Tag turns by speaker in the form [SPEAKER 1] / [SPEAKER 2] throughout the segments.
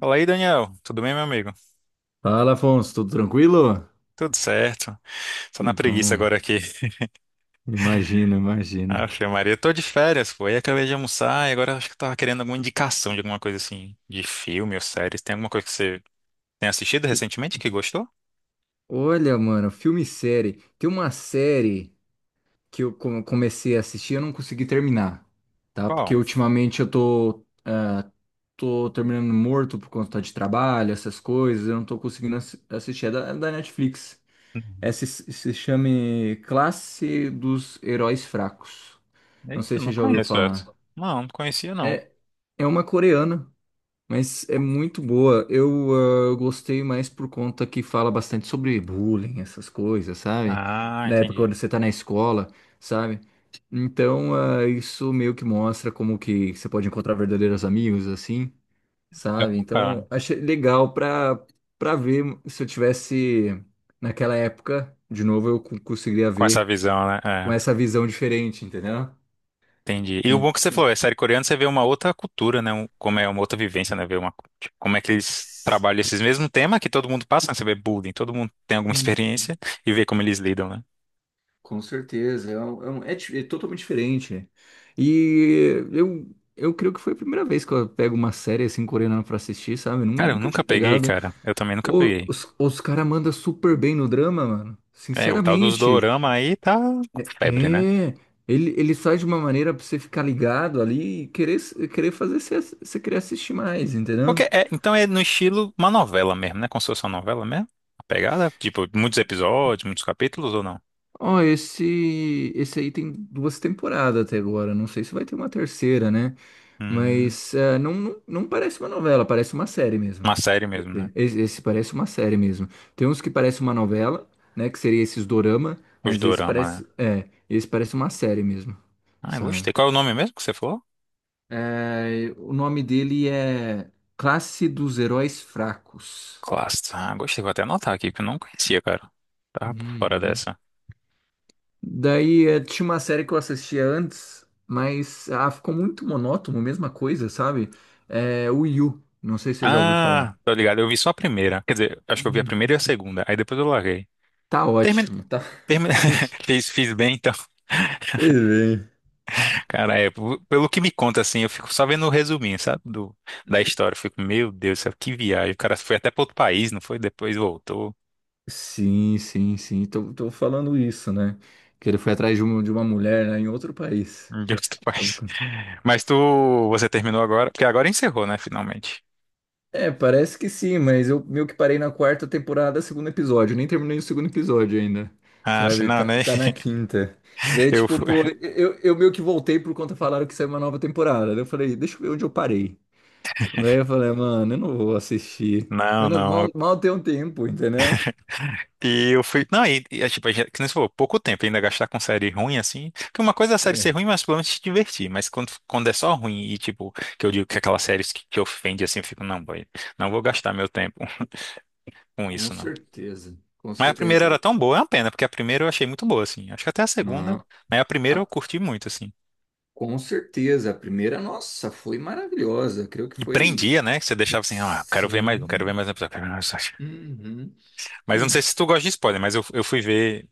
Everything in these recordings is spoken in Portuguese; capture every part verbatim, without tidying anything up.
[SPEAKER 1] Fala aí, Daniel. Tudo bem, meu amigo?
[SPEAKER 2] Fala, Afonso, tudo tranquilo?
[SPEAKER 1] Tudo certo. Só
[SPEAKER 2] Que
[SPEAKER 1] na preguiça
[SPEAKER 2] bom.
[SPEAKER 1] agora aqui.
[SPEAKER 2] Imagina, imagina.
[SPEAKER 1] Aff, Maria, eu tô de férias, pô. Aí acabei de almoçar e agora acho que eu tava querendo alguma indicação de alguma coisa assim, de filme ou séries. Tem alguma coisa que você tem assistido
[SPEAKER 2] E
[SPEAKER 1] recentemente que gostou?
[SPEAKER 2] olha, mano, filme e série. Tem uma série que eu come- comecei a assistir e eu não consegui terminar, tá? Porque
[SPEAKER 1] Qual?
[SPEAKER 2] ultimamente eu tô, ah, tô terminando morto por conta de trabalho, essas coisas, eu não tô conseguindo assi- assistir. É da, é da Netflix.
[SPEAKER 1] Uhum.
[SPEAKER 2] Essa se se chama Classe dos Heróis Fracos. Não sei
[SPEAKER 1] Eita,
[SPEAKER 2] se
[SPEAKER 1] não
[SPEAKER 2] você já ouviu
[SPEAKER 1] conheço
[SPEAKER 2] falar.
[SPEAKER 1] essa. Não, não conhecia não.
[SPEAKER 2] É, é uma coreana. Mas é muito boa. Eu, ah, eu gostei mais por conta que fala bastante sobre bullying, essas coisas, sabe?
[SPEAKER 1] Ah,
[SPEAKER 2] Na época quando
[SPEAKER 1] entendi.
[SPEAKER 2] você tá na escola, sabe? Então, ah, isso meio que mostra como que você pode encontrar verdadeiros amigos, assim,
[SPEAKER 1] Já
[SPEAKER 2] sabe?
[SPEAKER 1] vou cá.
[SPEAKER 2] Então, achei legal pra, pra ver se eu tivesse naquela época, de novo, eu co- conseguiria
[SPEAKER 1] Com essa
[SPEAKER 2] ver
[SPEAKER 1] visão, né?
[SPEAKER 2] com
[SPEAKER 1] É.
[SPEAKER 2] essa visão diferente, entendeu?
[SPEAKER 1] Entendi. E o bom
[SPEAKER 2] En-
[SPEAKER 1] que você
[SPEAKER 2] en-
[SPEAKER 1] falou, é série coreana, você vê uma outra cultura, né? Um- como é uma outra vivência, né? Ver uma, tipo, como é que eles trabalham esses mesmos temas que todo mundo passa, né? Você vê bullying, todo mundo tem alguma
[SPEAKER 2] Hum.
[SPEAKER 1] experiência e vê como eles lidam, né?
[SPEAKER 2] Com certeza, é, um- é, um- é di- é totalmente diferente. E eu, eu creio que foi a primeira vez que eu pego uma série assim coreana pra assistir, sabe? Nun-
[SPEAKER 1] Cara, eu
[SPEAKER 2] Nunca
[SPEAKER 1] nunca
[SPEAKER 2] tinha
[SPEAKER 1] peguei,
[SPEAKER 2] pegado.
[SPEAKER 1] cara. Eu também nunca
[SPEAKER 2] Ô,
[SPEAKER 1] peguei.
[SPEAKER 2] os os caras mandam super bem no drama, mano.
[SPEAKER 1] É, o tal dos
[SPEAKER 2] Sinceramente,
[SPEAKER 1] dorama aí tá com febre, né?
[SPEAKER 2] é. Ele, ele sai de uma maneira pra você ficar ligado ali e querer, s- querer fazer você, ass- você querer assistir mais, entendeu?
[SPEAKER 1] Porque é, então é no estilo uma novela mesmo, né? Como se fosse uma novela mesmo? A pegada? Tipo, muitos episódios, muitos capítulos ou não?
[SPEAKER 2] Ó, esse, esse aí tem duas temporadas até agora. Não sei se vai ter uma terceira, né?
[SPEAKER 1] Hum,
[SPEAKER 2] Mas é, não, não, não parece uma novela, parece uma série mesmo.
[SPEAKER 1] uma série mesmo, né?
[SPEAKER 2] Esse, esse parece uma série mesmo. Tem uns que parece uma novela, né? Que seria esses dorama,
[SPEAKER 1] Os
[SPEAKER 2] mas esse
[SPEAKER 1] dorama, né?
[SPEAKER 2] parece, é, esse parece uma série mesmo,
[SPEAKER 1] Ah, eu
[SPEAKER 2] sabe?
[SPEAKER 1] gostei. Qual é o nome mesmo que você falou?
[SPEAKER 2] É, o nome dele é Classe dos Heróis Fracos.
[SPEAKER 1] Classe, ah, gostei. Vou até anotar aqui, porque eu não conhecia, cara. Tava por fora
[SPEAKER 2] Uhum.
[SPEAKER 1] dessa.
[SPEAKER 2] Daí eh, tinha uma série que eu assistia antes, mas ah, ficou muito monótono, mesma coisa, sabe? É, o Yu, não sei se você já ouviu
[SPEAKER 1] Ah,
[SPEAKER 2] falar.
[SPEAKER 1] tô ligado. Eu vi só a primeira. Quer dizer, acho que eu vi a primeira e
[SPEAKER 2] Uhum.
[SPEAKER 1] a segunda. Aí depois eu larguei.
[SPEAKER 2] Tá
[SPEAKER 1] Termin...
[SPEAKER 2] ótimo, tá.
[SPEAKER 1] termin-
[SPEAKER 2] Fez
[SPEAKER 1] Fiz, fiz bem, então.
[SPEAKER 2] bem.
[SPEAKER 1] Cara, é, p- pelo que me conta, assim, eu fico só vendo o resuminho, sabe? Do, da história. Eu fico, meu Deus do céu, que viagem. O cara foi até pra outro país, não foi? Depois voltou.
[SPEAKER 2] Sim, sim, sim. Tô, tô falando isso, né? Que ele foi atrás de uma, de uma mulher, né, em outro país.
[SPEAKER 1] Meu Deus do
[SPEAKER 2] Sabe
[SPEAKER 1] país.
[SPEAKER 2] quando-
[SPEAKER 1] Mas tu, você terminou agora? Porque agora encerrou, né? Finalmente.
[SPEAKER 2] É, parece que sim, mas eu meio que parei na quarta temporada, segundo episódio. Nem terminei o segundo episódio ainda.
[SPEAKER 1] Ah,
[SPEAKER 2] Sabe?
[SPEAKER 1] afinal,
[SPEAKER 2] Tá,
[SPEAKER 1] né?
[SPEAKER 2] tá na quinta. Daí,
[SPEAKER 1] Eu
[SPEAKER 2] tipo,
[SPEAKER 1] fui.
[SPEAKER 2] pô, eu, eu meio que voltei por conta falaram que saiu uma nova temporada. Daí eu falei, deixa eu ver onde eu parei. Daí eu falei, mano, eu não vou assistir.
[SPEAKER 1] Não,
[SPEAKER 2] Eu não-
[SPEAKER 1] não.
[SPEAKER 2] mal, mal tenho tempo, entendeu?
[SPEAKER 1] E eu fui. Não, e, e é tipo, a gente, que nem você falou, pouco tempo ainda gastar com série ruim, assim. Porque uma coisa é a série ser
[SPEAKER 2] É,
[SPEAKER 1] ruim, mas pelo menos te divertir. Mas quando, quando é só ruim e, tipo, que eu digo que aquelas séries que, que ofende, assim, eu fico, não, boy, não vou gastar meu tempo com
[SPEAKER 2] com
[SPEAKER 1] isso, não.
[SPEAKER 2] certeza. Com
[SPEAKER 1] Mas a
[SPEAKER 2] certeza.
[SPEAKER 1] primeira era
[SPEAKER 2] Tem-
[SPEAKER 1] tão boa, é uma pena, porque a primeira eu achei muito boa, assim. Acho que até a segunda,
[SPEAKER 2] Não.
[SPEAKER 1] mas a primeira eu
[SPEAKER 2] A-
[SPEAKER 1] curti muito, assim.
[SPEAKER 2] com certeza, a primeira, nossa, foi maravilhosa. Creio que
[SPEAKER 1] E
[SPEAKER 2] foi.
[SPEAKER 1] prendia, né? Que você deixava assim, ah, quero ver mais um, quero ver
[SPEAKER 2] Sim.
[SPEAKER 1] mais um episódio, quero ver mais um episódio.
[SPEAKER 2] Uhum.
[SPEAKER 1] Mas eu não sei
[SPEAKER 2] Hum,
[SPEAKER 1] se tu gosta de spoiler, mas eu, eu fui ver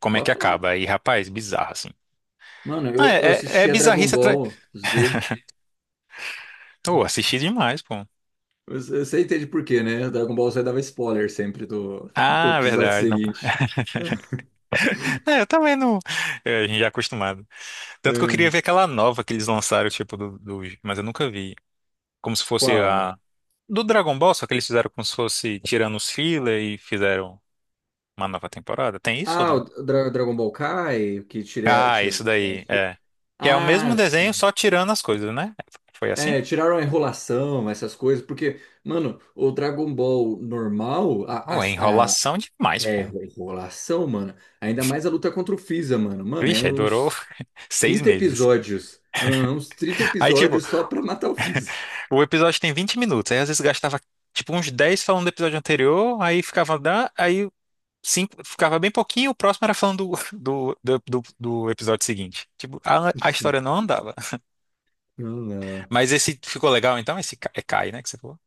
[SPEAKER 1] como é que
[SPEAKER 2] pode falar.
[SPEAKER 1] acaba. E, rapaz, bizarro, assim.
[SPEAKER 2] Mano,
[SPEAKER 1] Ah,
[SPEAKER 2] eu, eu
[SPEAKER 1] é, é é
[SPEAKER 2] assistia Dragon
[SPEAKER 1] bizarrice atrás.
[SPEAKER 2] Ball Z.
[SPEAKER 1] Oh, assisti demais, pô.
[SPEAKER 2] Você, você entende por quê, né? Dragon Ball Z dava spoiler sempre do, do
[SPEAKER 1] Ah,
[SPEAKER 2] episódio
[SPEAKER 1] verdade. Não...
[SPEAKER 2] seguinte.
[SPEAKER 1] É, eu também não. É, a gente já é acostumado. Tanto que eu queria
[SPEAKER 2] É.
[SPEAKER 1] ver aquela nova que eles lançaram, tipo, do, do- mas eu nunca vi. Como se fosse
[SPEAKER 2] Qual?
[SPEAKER 1] a. Do Dragon Ball, só que eles fizeram como se fosse tirando os filler e fizeram uma nova temporada. Tem isso ou
[SPEAKER 2] Ah,
[SPEAKER 1] não?
[SPEAKER 2] o Dra- Dragon Ball Kai, que tira.
[SPEAKER 1] Ah,
[SPEAKER 2] tira-
[SPEAKER 1] isso daí. É. Que é o mesmo
[SPEAKER 2] Ah,
[SPEAKER 1] desenho,
[SPEAKER 2] sim.
[SPEAKER 1] só tirando as coisas, né? Foi assim?
[SPEAKER 2] É, tiraram a enrolação, essas coisas, porque, mano, o Dragon Ball normal, a,
[SPEAKER 1] Oh, é
[SPEAKER 2] a, a
[SPEAKER 1] enrolação demais,
[SPEAKER 2] é,
[SPEAKER 1] pô.
[SPEAKER 2] enrolação, mano, ainda mais a luta contra o Freeza, mano. Mano, é
[SPEAKER 1] Vixe, aí durou
[SPEAKER 2] uns
[SPEAKER 1] seis
[SPEAKER 2] trinta
[SPEAKER 1] meses.
[SPEAKER 2] episódios. hum, uns trinta
[SPEAKER 1] Aí, tipo,
[SPEAKER 2] episódios só pra matar o Freeza.
[SPEAKER 1] o episódio tem vinte minutos, aí às vezes gastava tipo uns dez falando do episódio anterior, aí ficava, da- aí cinco, ficava bem pouquinho, o próximo era falando do, do, do, do- do episódio seguinte. Tipo, a, a história não andava.
[SPEAKER 2] Não, não.
[SPEAKER 1] Mas esse ficou legal então? Esse Ca- é Kai, né, que você falou?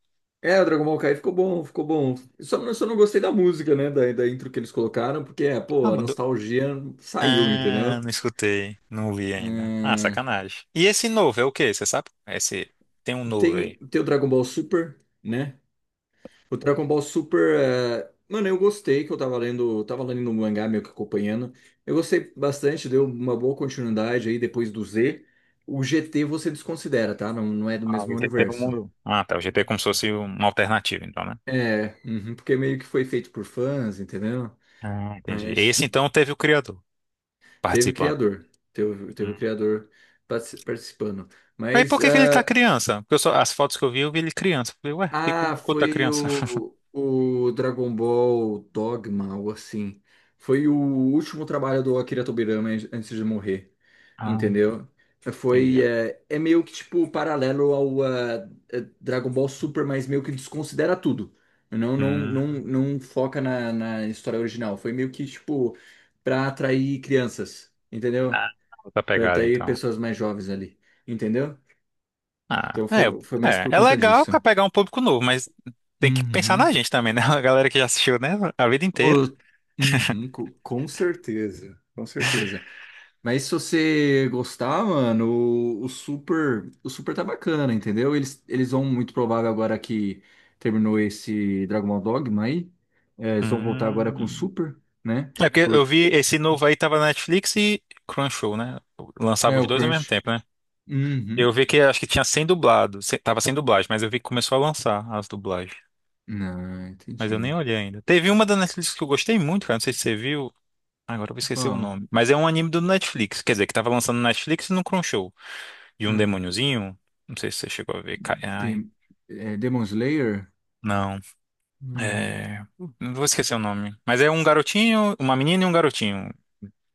[SPEAKER 2] É, o Dragon Ball Kai ficou bom, ficou bom. Só, não- só não gostei da música, né? Da, da intro que eles colocaram, porque, é,
[SPEAKER 1] Ah,
[SPEAKER 2] pô, a
[SPEAKER 1] mudou.
[SPEAKER 2] nostalgia saiu,
[SPEAKER 1] Ah,
[SPEAKER 2] entendeu?
[SPEAKER 1] não escutei, não vi ainda. Ah,
[SPEAKER 2] Hum,
[SPEAKER 1] sacanagem. E esse novo é o quê? Você sabe? Esse tem um novo
[SPEAKER 2] tem,
[SPEAKER 1] aí.
[SPEAKER 2] tem o Dragon Ball Super, né? O Dragon Ball Super, é, mano, eu gostei que eu tava lendo, tava lendo, um mangá meio que acompanhando. Eu gostei bastante, deu uma boa continuidade aí depois do Z. O G T você desconsidera, tá? Não, não é do
[SPEAKER 1] Ah, o
[SPEAKER 2] mesmo
[SPEAKER 1] G T do
[SPEAKER 2] universo.
[SPEAKER 1] mundo. Ah, tá. O G T é como se fosse uma alternativa, então, né?
[SPEAKER 2] É, uhum, porque meio que foi feito por fãs, entendeu?
[SPEAKER 1] Ah, entendi.
[SPEAKER 2] Mas
[SPEAKER 1] Esse
[SPEAKER 2] tu-
[SPEAKER 1] então teve o criador
[SPEAKER 2] teve
[SPEAKER 1] participando.
[SPEAKER 2] criador, teve, teve criador partici- participando.
[SPEAKER 1] Aí por
[SPEAKER 2] Mas
[SPEAKER 1] que que ele tá
[SPEAKER 2] é,
[SPEAKER 1] criança? Porque eu só- as fotos que eu vi, eu vi ele criança. Eu falei, ué, por que que o
[SPEAKER 2] Ah,
[SPEAKER 1] Goku tá
[SPEAKER 2] foi
[SPEAKER 1] criança?
[SPEAKER 2] o, o Dragon Ball Dogma, ou assim. Foi o último trabalho do Akira Tobirama an- antes de morrer,
[SPEAKER 1] Ah,
[SPEAKER 2] entendeu? Eh, Foi,
[SPEAKER 1] entendi.
[SPEAKER 2] é, é meio que, tipo, paralelo ao eh, eh, Dragon Ball Super, mas meio que desconsidera tudo. Não, não,
[SPEAKER 1] Hum.
[SPEAKER 2] não, não foca na, na história original. Foi meio que, tipo, pra atrair crianças, entendeu?
[SPEAKER 1] Ah, outra
[SPEAKER 2] Pra
[SPEAKER 1] pegada,
[SPEAKER 2] atrair
[SPEAKER 1] então.
[SPEAKER 2] pessoas mais jovens ali, entendeu?
[SPEAKER 1] Ah,
[SPEAKER 2] Então
[SPEAKER 1] é,
[SPEAKER 2] foi, foi mais
[SPEAKER 1] é,
[SPEAKER 2] por
[SPEAKER 1] é
[SPEAKER 2] conta
[SPEAKER 1] legal
[SPEAKER 2] disso.
[SPEAKER 1] pra pegar um público novo, mas tem que pensar na
[SPEAKER 2] Uhum.
[SPEAKER 1] gente também, né? A galera que já assistiu, né? A vida inteira.
[SPEAKER 2] Ô, uhum, co- com certeza, com certeza. Mas se você gostar, mano, o, o Super, o Super tá bacana, entendeu? Eles, eles vão muito provável agora que terminou esse Dragon Ball Dogma aí, é, eles vão voltar agora com o
[SPEAKER 1] Hum.
[SPEAKER 2] Super, né?
[SPEAKER 1] É porque eu
[SPEAKER 2] Porque
[SPEAKER 1] vi esse novo aí, tava na Netflix e Crunchyroll, né? Lançava
[SPEAKER 2] é
[SPEAKER 1] os
[SPEAKER 2] o
[SPEAKER 1] dois ao mesmo
[SPEAKER 2] Crunch.
[SPEAKER 1] tempo, né? Eu
[SPEAKER 2] Uhum.
[SPEAKER 1] vi que acho que tinha sem dublado, se- tava sem dublagem, mas eu vi que começou a lançar as dublagens.
[SPEAKER 2] Não,
[SPEAKER 1] Mas eu nem
[SPEAKER 2] entendi.
[SPEAKER 1] olhei ainda. Teve uma da Netflix que eu gostei muito, cara. Não sei se você viu. Agora eu vou esquecer o
[SPEAKER 2] Qual?
[SPEAKER 1] nome. Mas é um anime do Netflix. Quer dizer, que tava lançando no Netflix e no Crunchyroll. De um
[SPEAKER 2] Hum,
[SPEAKER 1] demôniozinho. Não sei se você chegou a ver. Ca- Ai.
[SPEAKER 2] tem, é, Demon Slayer?
[SPEAKER 1] Não.
[SPEAKER 2] Hum.
[SPEAKER 1] É... Não vou esquecer o nome. Mas é um garotinho, uma menina e um garotinho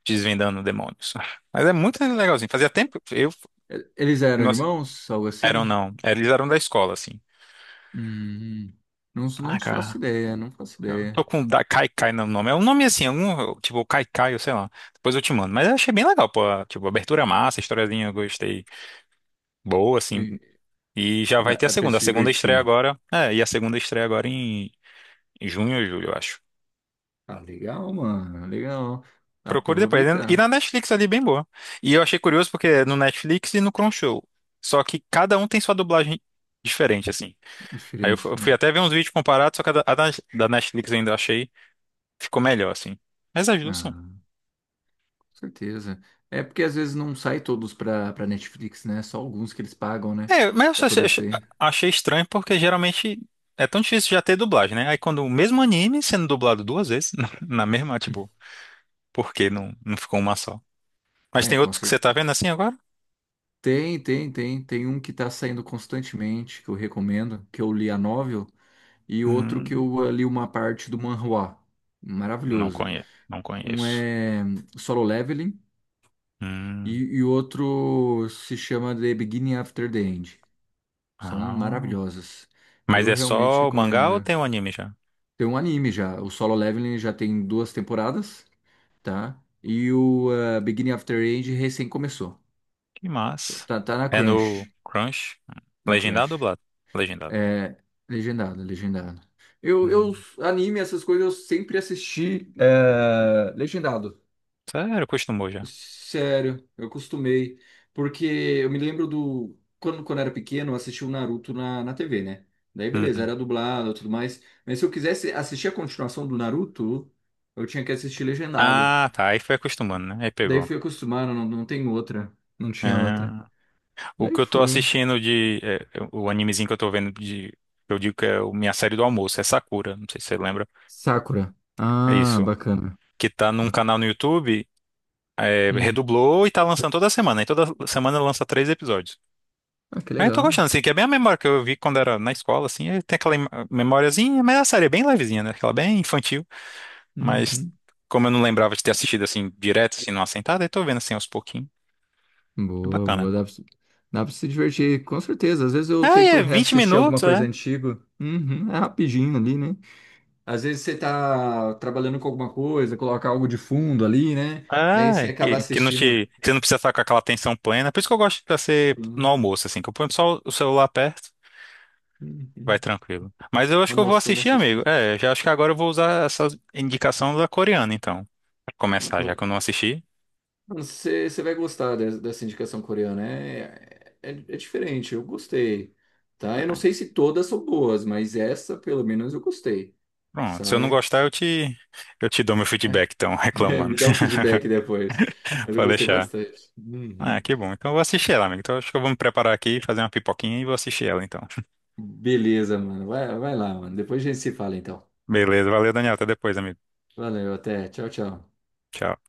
[SPEAKER 1] desvendando demônios. Mas é muito legalzinho. Fazia tempo. Eu.
[SPEAKER 2] E- Eles eram
[SPEAKER 1] Nossa.
[SPEAKER 2] irmãos, algo
[SPEAKER 1] Eram
[SPEAKER 2] assim?
[SPEAKER 1] não. Eles eram da escola, assim.
[SPEAKER 2] Hum, não,
[SPEAKER 1] Ah,
[SPEAKER 2] não faço
[SPEAKER 1] cara.
[SPEAKER 2] ideia, não faço
[SPEAKER 1] Eu tô
[SPEAKER 2] ideia.
[SPEAKER 1] com da Kai Kai no nome. É um nome assim, algum, tipo Kai Kai, eu sei lá. Depois eu te mando. Mas eu achei bem legal, pô. Tipo, abertura massa, historiazinha, eu gostei. Boa,
[SPEAKER 2] E
[SPEAKER 1] assim. E já vai
[SPEAKER 2] dá,
[SPEAKER 1] ter a
[SPEAKER 2] é pra
[SPEAKER 1] segunda. A
[SPEAKER 2] se
[SPEAKER 1] segunda estreia
[SPEAKER 2] divertir.
[SPEAKER 1] agora. É, e a segunda estreia agora em em junho ou julho, eu acho.
[SPEAKER 2] Ah, legal, mano, legal. Dá pra
[SPEAKER 1] Procure depois. E
[SPEAKER 2] aproveitar
[SPEAKER 1] na Netflix ali, bem boa. E eu achei curioso porque é no Netflix e no Crunchyroll. Só que cada um tem sua dublagem diferente, assim. Aí eu fu-
[SPEAKER 2] diferente,
[SPEAKER 1] eu
[SPEAKER 2] né?
[SPEAKER 1] fui até ver uns vídeos comparados, só que a da, a da da Netflix ainda eu achei ficou melhor, assim. Mas as duas são...
[SPEAKER 2] Ah, com certeza. É porque às vezes não sai todos pra, pra Netflix, né? Só alguns que eles pagam, né?
[SPEAKER 1] É, mas
[SPEAKER 2] Pra
[SPEAKER 1] eu só- eu
[SPEAKER 2] poder sair.
[SPEAKER 1] achei estranho porque geralmente é tão difícil já ter dublagem, né? Aí quando o mesmo anime sendo dublado duas vezes, na, na mesma, tipo, por que não, não ficou uma só? Mas
[SPEAKER 2] É,
[SPEAKER 1] tem
[SPEAKER 2] com
[SPEAKER 1] outros que você tá
[SPEAKER 2] certeza.
[SPEAKER 1] vendo assim agora?
[SPEAKER 2] Tem, tem, tem. Tem um que tá saindo constantemente, que eu recomendo, que eu li a novel, e outro que
[SPEAKER 1] Hum,
[SPEAKER 2] eu eh, li uma parte do manhwa.
[SPEAKER 1] não
[SPEAKER 2] Maravilhoso.
[SPEAKER 1] conheço, não
[SPEAKER 2] Um
[SPEAKER 1] conheço.
[SPEAKER 2] é Solo Leveling. E,
[SPEAKER 1] Hum,
[SPEAKER 2] e o outro se chama The Beginning After the End. São
[SPEAKER 1] ah.
[SPEAKER 2] maravilhosas.
[SPEAKER 1] Mas
[SPEAKER 2] Eu
[SPEAKER 1] é
[SPEAKER 2] realmente
[SPEAKER 1] só o mangá ou
[SPEAKER 2] recomendo.
[SPEAKER 1] tem o anime já?
[SPEAKER 2] Tem um anime já. O Solo Leveling já tem duas temporadas, tá? E o eh, Beginning After the End recém começou.
[SPEAKER 1] Que
[SPEAKER 2] Tô-
[SPEAKER 1] massa.
[SPEAKER 2] Tá, tá na
[SPEAKER 1] É no
[SPEAKER 2] Crunch.
[SPEAKER 1] Crunch?
[SPEAKER 2] Na
[SPEAKER 1] Legendado ou
[SPEAKER 2] Crunch.
[SPEAKER 1] dublado? Legendado.
[SPEAKER 2] É, legendado, legendado. Eu, eu,
[SPEAKER 1] Hum,
[SPEAKER 2] anime, essas coisas, eu sempre assisti eh, legendado.
[SPEAKER 1] sério, acostumou já.
[SPEAKER 2] Sério, eu costumei. Porque eu me lembro do. Quando, quando era pequeno, eu assistia o Naruto na, na T V, né? Daí, beleza,
[SPEAKER 1] Uhum.
[SPEAKER 2] era dublado e tudo mais. Mas se eu quisesse assistir a continuação do Naruto, eu tinha que assistir legendado.
[SPEAKER 1] Ah, tá. Aí foi acostumando, né? Aí
[SPEAKER 2] Daí
[SPEAKER 1] pegou.
[SPEAKER 2] fui acostumado, não, não tem outra. Não tinha outra.
[SPEAKER 1] Ah. O
[SPEAKER 2] Daí
[SPEAKER 1] que eu tô
[SPEAKER 2] foi.
[SPEAKER 1] assistindo de... é, o animezinho que eu tô vendo de... Eu digo que é o- minha série do almoço, é Sakura, não sei se você lembra.
[SPEAKER 2] Sakura.
[SPEAKER 1] É
[SPEAKER 2] Ah,
[SPEAKER 1] isso.
[SPEAKER 2] bacana.
[SPEAKER 1] Que tá num canal no YouTube, é,
[SPEAKER 2] Hum.
[SPEAKER 1] redublou e tá lançando toda semana. E toda semana lança três episódios.
[SPEAKER 2] Ah, que
[SPEAKER 1] Aí eu tô
[SPEAKER 2] legal.
[SPEAKER 1] gostando, assim, que é bem a memória que eu vi quando era na escola, assim, aí tem aquela im- memóriazinha, mas a série é bem levezinha, né? Aquela bem infantil. Mas
[SPEAKER 2] Uhum.
[SPEAKER 1] como eu não lembrava de ter assistido assim, direto, assim, numa sentada, aí tô vendo assim aos pouquinhos. É
[SPEAKER 2] Boa,
[SPEAKER 1] bacana.
[SPEAKER 2] boa. Dá pra, se- dá pra se divertir, com certeza. Às vezes eu
[SPEAKER 1] Ah,
[SPEAKER 2] tento
[SPEAKER 1] é vinte
[SPEAKER 2] reassistir
[SPEAKER 1] minutos,
[SPEAKER 2] alguma coisa
[SPEAKER 1] é.
[SPEAKER 2] antiga. Uhum. É rapidinho ali, né? Às vezes você tá trabalhando com alguma coisa, coloca algo de fundo ali, né? Daí você
[SPEAKER 1] Ah,
[SPEAKER 2] acaba
[SPEAKER 1] que, que não
[SPEAKER 2] assistindo,
[SPEAKER 1] te, você não precisa estar com aquela atenção plena. Por isso que eu gosto de ser no
[SPEAKER 2] hum,
[SPEAKER 1] almoço, assim, que eu ponho só o celular perto,
[SPEAKER 2] hum,
[SPEAKER 1] vai
[SPEAKER 2] hum,
[SPEAKER 1] tranquilo. Mas eu acho que eu vou
[SPEAKER 2] almoçando,
[SPEAKER 1] assistir, amigo.
[SPEAKER 2] assistindo.
[SPEAKER 1] É, já acho que agora eu vou usar essa indicação da coreana, então. Pra começar, já que eu não assisti.
[SPEAKER 2] Você, você vai gostar des- dessa indicação coreana. É, é, é diferente, eu gostei, tá? Eu não sei se todas são boas, mas essa, pelo menos, eu gostei,
[SPEAKER 1] Pronto, se eu não
[SPEAKER 2] sabe?
[SPEAKER 1] gostar, eu te, eu te dou meu feedback, então,
[SPEAKER 2] É,
[SPEAKER 1] reclamando.
[SPEAKER 2] me dá um feedback depois. Mas eu
[SPEAKER 1] Pode
[SPEAKER 2] gostei
[SPEAKER 1] deixar.
[SPEAKER 2] bastante.
[SPEAKER 1] Ah,
[SPEAKER 2] Uhum.
[SPEAKER 1] que bom. Então eu vou assistir ela, amigo. Então acho que eu vou me preparar aqui, fazer uma pipoquinha e vou assistir ela, então.
[SPEAKER 2] Beleza, mano. Vai, vai lá, mano. Depois a gente se fala, então.
[SPEAKER 1] Beleza, valeu, Daniel. Até depois, amigo.
[SPEAKER 2] Valeu, até. Tchau, tchau.
[SPEAKER 1] Tchau.